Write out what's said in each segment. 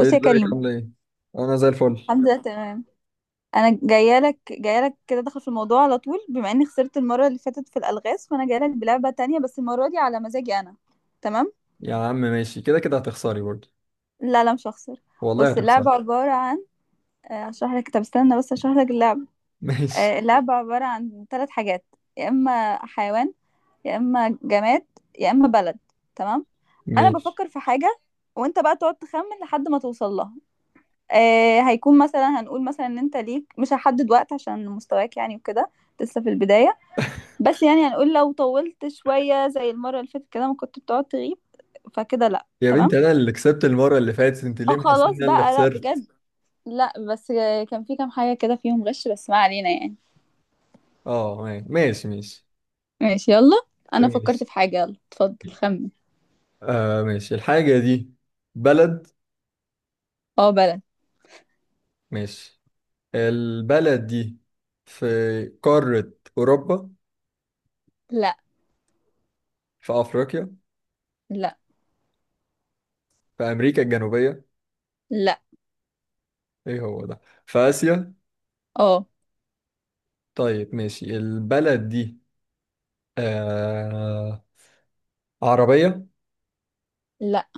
ايه، يا ازيك؟ كريم. عامله ايه؟ انا زي الفل. الحمد لله تمام. انا جايه لك كده، داخل في الموضوع على طول. بما اني خسرت المره اللي فاتت في الالغاز، فانا جايه لك بلعبه تانية، بس المره دي على مزاجي انا. تمام. يا عم ماشي، كده كده هتخسري برضه. لا لا مش هخسر. والله بص، هتخسري. اللعبه عباره عن هشرح لك. طب استنى بس هشرح لك اللعبه. ماشي، اللعبه عباره عن ثلاث حاجات. يا اما حيوان، يا اما جماد، يا اما بلد. تمام. انا ماشي. بفكر في حاجه، وانت بقى تقعد تخمن لحد ما توصل لها. هيكون مثلا، هنقول مثلا ان انت ليك، مش هحدد وقت عشان مستواك يعني، وكده لسه في البداية. بس يعني هنقول لو طولت شوية زي المرة اللي فاتت كده، ما كنت بتقعد تغيب. فكده لا، يا بنت، تمام. انا اللي كسبت المره اللي فاتت، انت ليه اه محسسه ان خلاص انا اللي بقى، لا خسرت؟ بجد. لا بس كان في كام حاجة كده فيهم غش، بس ما علينا يعني. اه ماشي، ماشي ماشي يلا. انا فكرت ماشي. في حاجة، يلا اتفضل خمن. ماشي. الحاجه دي بلد؟ اه بلد. ماشي. البلد دي في قاره اوروبا؟ لا. في افريقيا؟ لا في امريكا الجنوبيه؟ لا. ايه هو ده؟ في اسيا؟ اه. طيب ماشي. البلد دي آه عربيه؟ لا.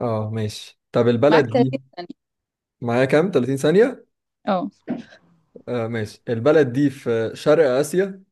اه ماشي. طب معاك البلد دي 30 ثانية. معايا كام، 30 ثانية؟ اه. ماشي. البلد دي في شرق آسيا؟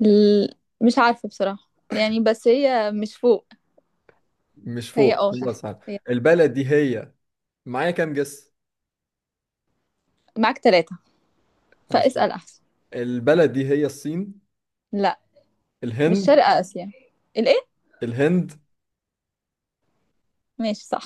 ل- مش عارفة بصراحة يعني، بس هي مش فوق. مش فهي فوق، اه تحت خلاص عارف. هي. البلد دي هي، معايا كام جس؟ معاك ثلاثة. ماشي فاسأل أحسن. البلد دي هي الصين؟ لا مش الهند؟ شرق آسيا. الإيه؟ الهند. ماشي صح.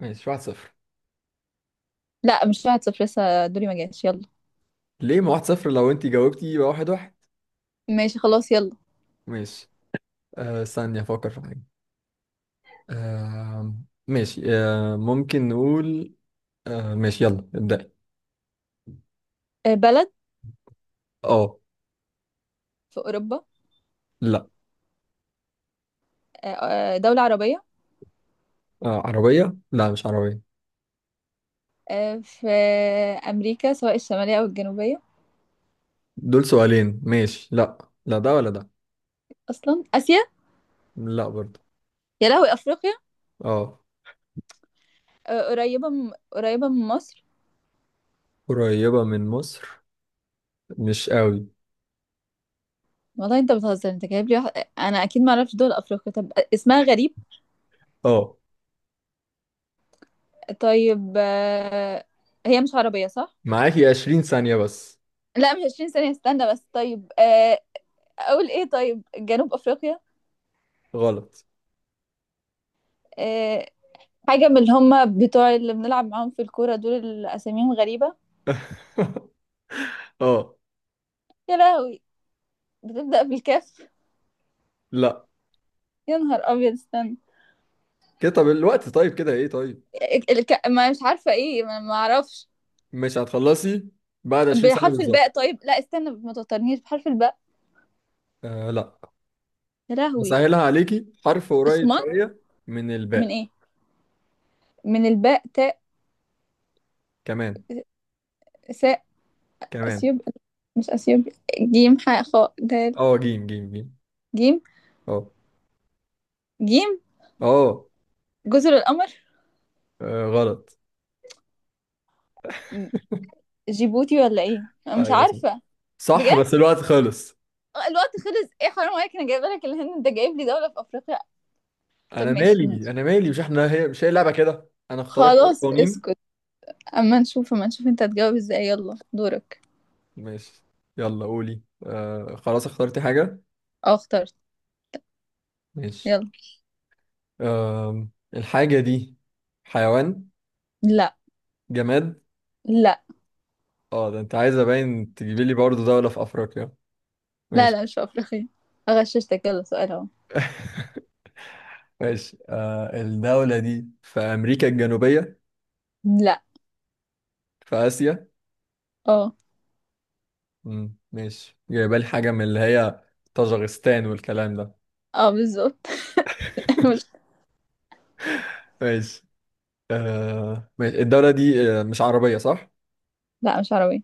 ماشي، 1-0. لا مش واحد صفر، لسه دوري ما جاش، يلا. ليه ما 1-0؟ لو انت جاوبتي يبقى 1-1. ماشي خلاص يلا. ماشي. ثانية افكر في حاجة. آه ماشي آه ممكن نقول ماشي، يلا ابدأي. بلد. اه. في أوروبا. لا. آه، دولة عربية. عربية؟ لا، مش عربية. في أمريكا، سواء الشمالية أو الجنوبية. دول سؤالين، ماشي. لا، لا ده ولا ده. أصلا آسيا. لا برضه. يا لهوي، أفريقيا. اه. قريبة من مصر. قريبة من مصر، مش قوي. والله أنت بتهزر، أنت جايب لي واحد. أنا أكيد ما أعرفش دول أفريقيا، طب اسمها غريب. اه. طيب هي مش عربية صح؟ معاكي 20 ثانية بس. لا مش 20 ثانية، استنى بس. طيب اقول ايه، طيب جنوب افريقيا. غلط. آه. حاجه من اللي هم بتوع اللي بنلعب معاهم في الكوره، دول اللي اساميهم غريبه. اه. يا لهوي. بتبدا بالكاف. لا يا نهار ابيض استنى. كده، طب الوقت، طيب كده ايه؟ طيب ما مش عارفه ايه، ما اعرفش. مش هتخلصي بعد 20 ثانية بحرف الباء. بالظبط. طيب لا استنى ما توترنيش. بحرف الباء. لا. يا لهوي. بسهلها عليكي، حرف قريب الصومال. شوية من من الباء. ايه؟ من الباء. تاء. كمان. ساء. كمان. اثيوب. مش اثيوب. جيم، حاء، خاء، دال. اه جيم، جيم، جيم. جيم اه. جيم اه. جزر القمر. غلط. جيبوتي ولا ايه، أنا مش ايوه صح. عارفه. صح بجد. بس الوقت خلص. الوقت خلص. ايه حرام عليك، انا جايبه لك الهند، انت جايب لي دوله في افريقيا. طب انا ماشي. مالي، انا مالي، مش احنا هي، مش هي لعبه كده انا اخترت اي خلاص قوانين. اسكت. اما نشوف انت هتجاوب ازاي. يلا دورك. ماشي، يلا قولي. خلاص اخترتي حاجه؟ اه اخترت. ماشي. يلا. آه الحاجه دي حيوان؟ لا. جماد؟ لا اه ده انت عايزه باين تجيبي لي برضه دوله في افريقيا. لا ماشي. لا مش في افريقيا. اغششتك، يلا سؤال اهو. ماشي. الدوله دي في امريكا الجنوبيه؟ لا. في اسيا؟ اه. ماشي، جايبه لي حاجه من اللي هي طاجغستان والكلام ده. اه بالظبط. مش. ماشي. ماشي، الدوله دي مش عربيه صح؟ لا مش عربية.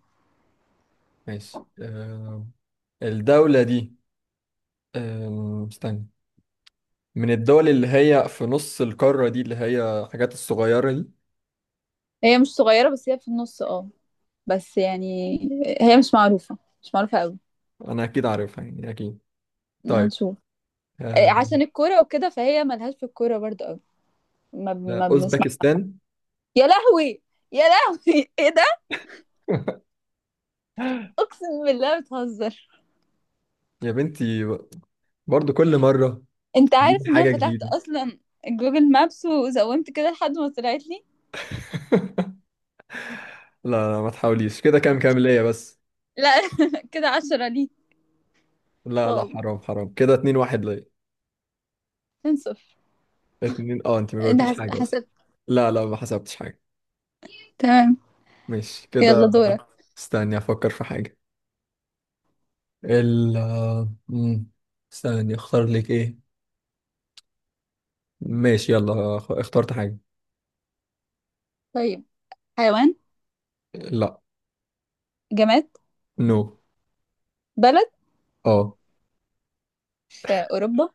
ماشي. الدولة دي استنى، من الدول اللي هي في نص القارة دي، اللي هي حاجات الصغيرة دي؟ هي مش صغيرة، بس هي في النص اه. بس يعني، هي مش معروفة، مش معروفة قوي. أنا أكيد عارفها يعني، أكيد. ما طيب نشوف. إيه، أم، عشان الكورة وكده، فهي ملهاش في الكورة برضه قوي. ما, لا، ما بنسمع. أوزبكستان. يا لهوي. يا لهوي. ايه ده. اقسم بالله بتهزر. يا بنتي، برضو كل مرة انت تجيب عارف ان انا حاجة فتحت جديدة. اصلا جوجل مابس، وزومت كده لحد ما طلعت لي. لا لا، ما تحاوليش كده، كام كام ليا بس؟ لا. كده عشرة لي. لا لا، واو. حرام حرام، كده 2-1 ليا. اتنين صفر. اتنين، اه انت ما انت جاوبتيش حاجة اصلا. حسبت. لا لا، ما حسبتش حاجة. تمام. ماشي كده. يلا دورك. استني افكر في حاجة. ال آه، مم. استني اختار لك ايه. ماشي يلا اخترت حاجة. طيب. حيوان. لا. جماد. نو. بلد. اه. في اوروبا.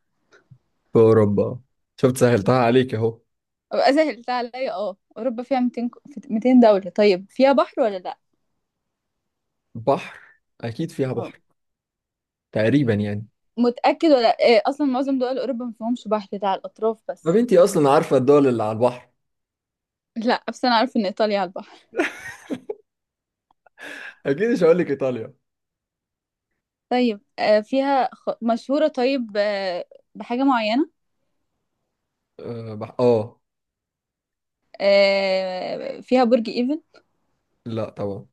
في اوروبا. شفت سهلتها عليك اهو. أبقى سهلت عليا اه، اوروبا فيها في 200 دولة. طيب فيها بحر ولا لا. بحر. اكيد فيها اه. بحر. تقريبا يعني. متأكد ولا إيه؟ اصلا معظم دول اوروبا ما فيهمش بحر، ده على الاطراف ما بس. بنتي اصلا عارفة الدول اللي على البحر. لا بس انا عارفه ان ايطاليا على البحر. اكيد مش هقول لك ايطاليا. طيب مشهورة. طيب بحاجة معينة. اه اه. فيها برج ايفل. لا طبعا.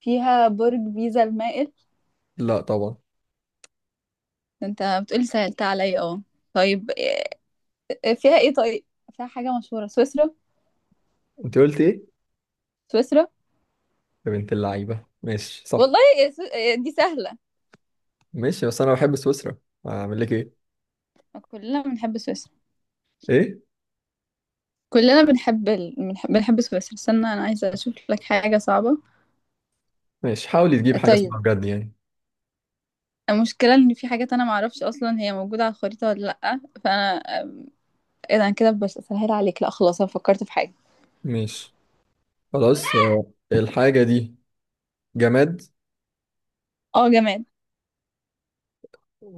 فيها برج بيزا المائل. لا طبعا. ده انت بتقولي سهلت عليا اه. طيب فيها ايه طيب. فيها حاجة مشهورة. سويسرا. انت قلت ايه؟ سويسرا. يا بنت اللعيبة ماشي صح. والله يا سو... آه، دي سهلة. ماشي، بس انا بحب سويسرا، اعمل لك ايه؟ كلنا بنحب سويسرا. ايه؟ كلنا بنحب ال... بنحب بنحب سويسرا. استنى، انا عايزة اشوف لك حاجة صعبة. ماشي، حاولي تجيب حاجة طيب. اسمها بجد يعني. المشكلة ان في حاجات انا معرفش اصلا هي موجودة على الخريطة ولا لأ، فانا ايه ده، انا كده بسهل عليك. لا خلاص انا فكرت في حاجة. ماشي خلاص. الحاجة دي جماد؟ اه جماد.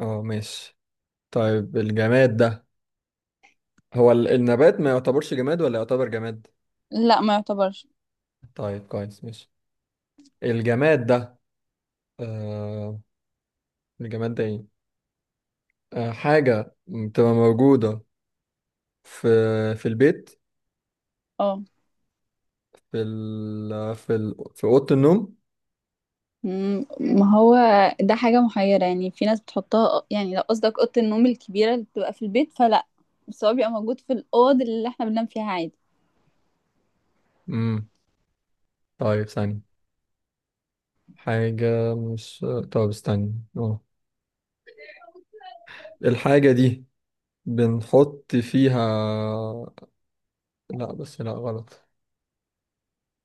اه ماشي. طيب الجماد ده، هو النبات ما يعتبرش جماد ولا يعتبر جماد؟ لا ما يعتبرش. طيب كويس ماشي. الجماد ده آه الجماد ده ايه؟ حاجة بتبقى موجودة في، في البيت، اه. في ال في ال في أوضة النوم؟ مم، ما هو ده حاجة محيرة يعني، في ناس بتحطها. يعني لو قصدك أوضة النوم الكبيرة اللي بتبقى في البيت فلا، بس هو بيبقى موجود في الأوض اللي احنا بننام فيها عادي. امم طيب ثانية. حاجة مش طب استنى اه الحاجة دي بنحط فيها، لا بس لا غلط.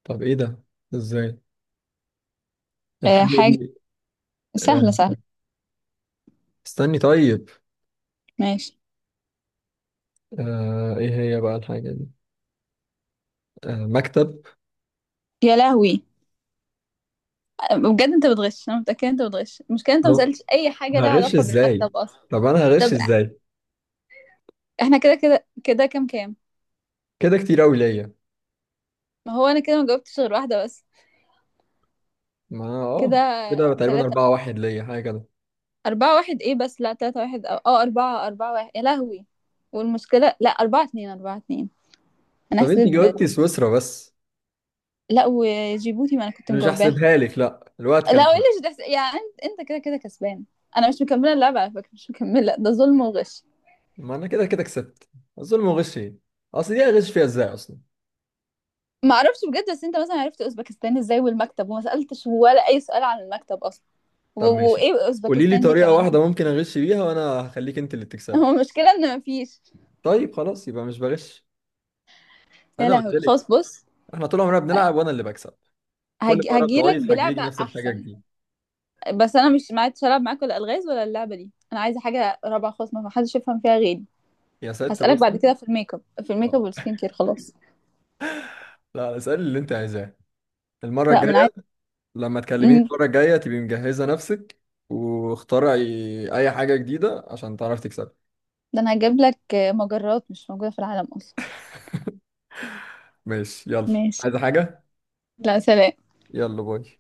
طب ايه ده؟ ازاي؟ أه الحاجة حاجة دي، آه، سهلة سهلة. استني طيب. ماشي. ايه هي بقى الحاجة دي؟ مكتب. يا لهوي. بجد انت بتغش، انا متأكدة انت بتغش. المشكلة انت ما طب سألتش أي حاجة لها هغش علاقة ازاي؟ بالمكتب أصلا. طب انا هغش طب ازاي؟ احنا كده كام كام. كده كتير قوي ليا. ما هو أنا كده ما جاوبتش غير واحدة بس. ما انا كده اه كده تقريبا تلاتة. 4-1 ليا، حاجة كده. أربعة واحد إيه بس، لا تلاتة واحد، أو أه أربعة، أربعة واحد يا لهوي. والمشكلة لا، أربعة اتنين، أربعة اتنين. أنا طب انت حسيت ب. جاوبتي سويسرا بس، لا وجيبوتي، ما أنا كنت اللي مش مجاوباها. هحسبها لك لا الوقت لا كان عدى. وليش ده يعني، أنت أنت كده كسبان. أنا مش مكملة اللعبة على فكرة، مش مكملة، ده ظلم وغش. ما انا كده كده كسبت. الظلم وغش ايه؟ اصل دي هغش فيها ازاي اصلا؟ ما أعرفش بجد، بس أنت مثلا عرفت أوزبكستان إزاي، والمكتب وما سألتش ولا أي سؤال عن المكتب أصلا. و... طب ماشي، وإيه قولي لي أوزبكستان دي طريقة كمان، احنا. واحدة ممكن اغش بيها وانا هخليك انت اللي تكسبي. هو المشكلة إن مفيش. طيب خلاص، يبقى مش بغش. يا انا قلت لهوي لك، خلاص بص. احنا طول عمرنا بنلعب وانا اللي بكسب. كل مرة هجيلك بتقعدي تحججي بلعبة نفس الحاجة أحسن. جديد. بس انا مش معايا العب معاك ولا الغاز ولا اللعبه دي، انا عايزه حاجه رابعه خالص ما حدش يفهم فيها غيري. يا ست هسالك بعد بصي. كده في الميك اب، في الميك اب آه. والسكين كير خلاص. لا اسألي اللي انت عايزاه المرة لا ما انا الجاية. عايزه. لما تكلميني مم. المرة الجاية تبقي مجهزة نفسك، واخترعي أي حاجة جديدة عشان تعرفي تكسبي. ده انا هجيب لك مجرات مش موجوده في العالم اصلا. ماشي يلا. ماشي. عايزة حاجة؟ لا سلام. يلا باي.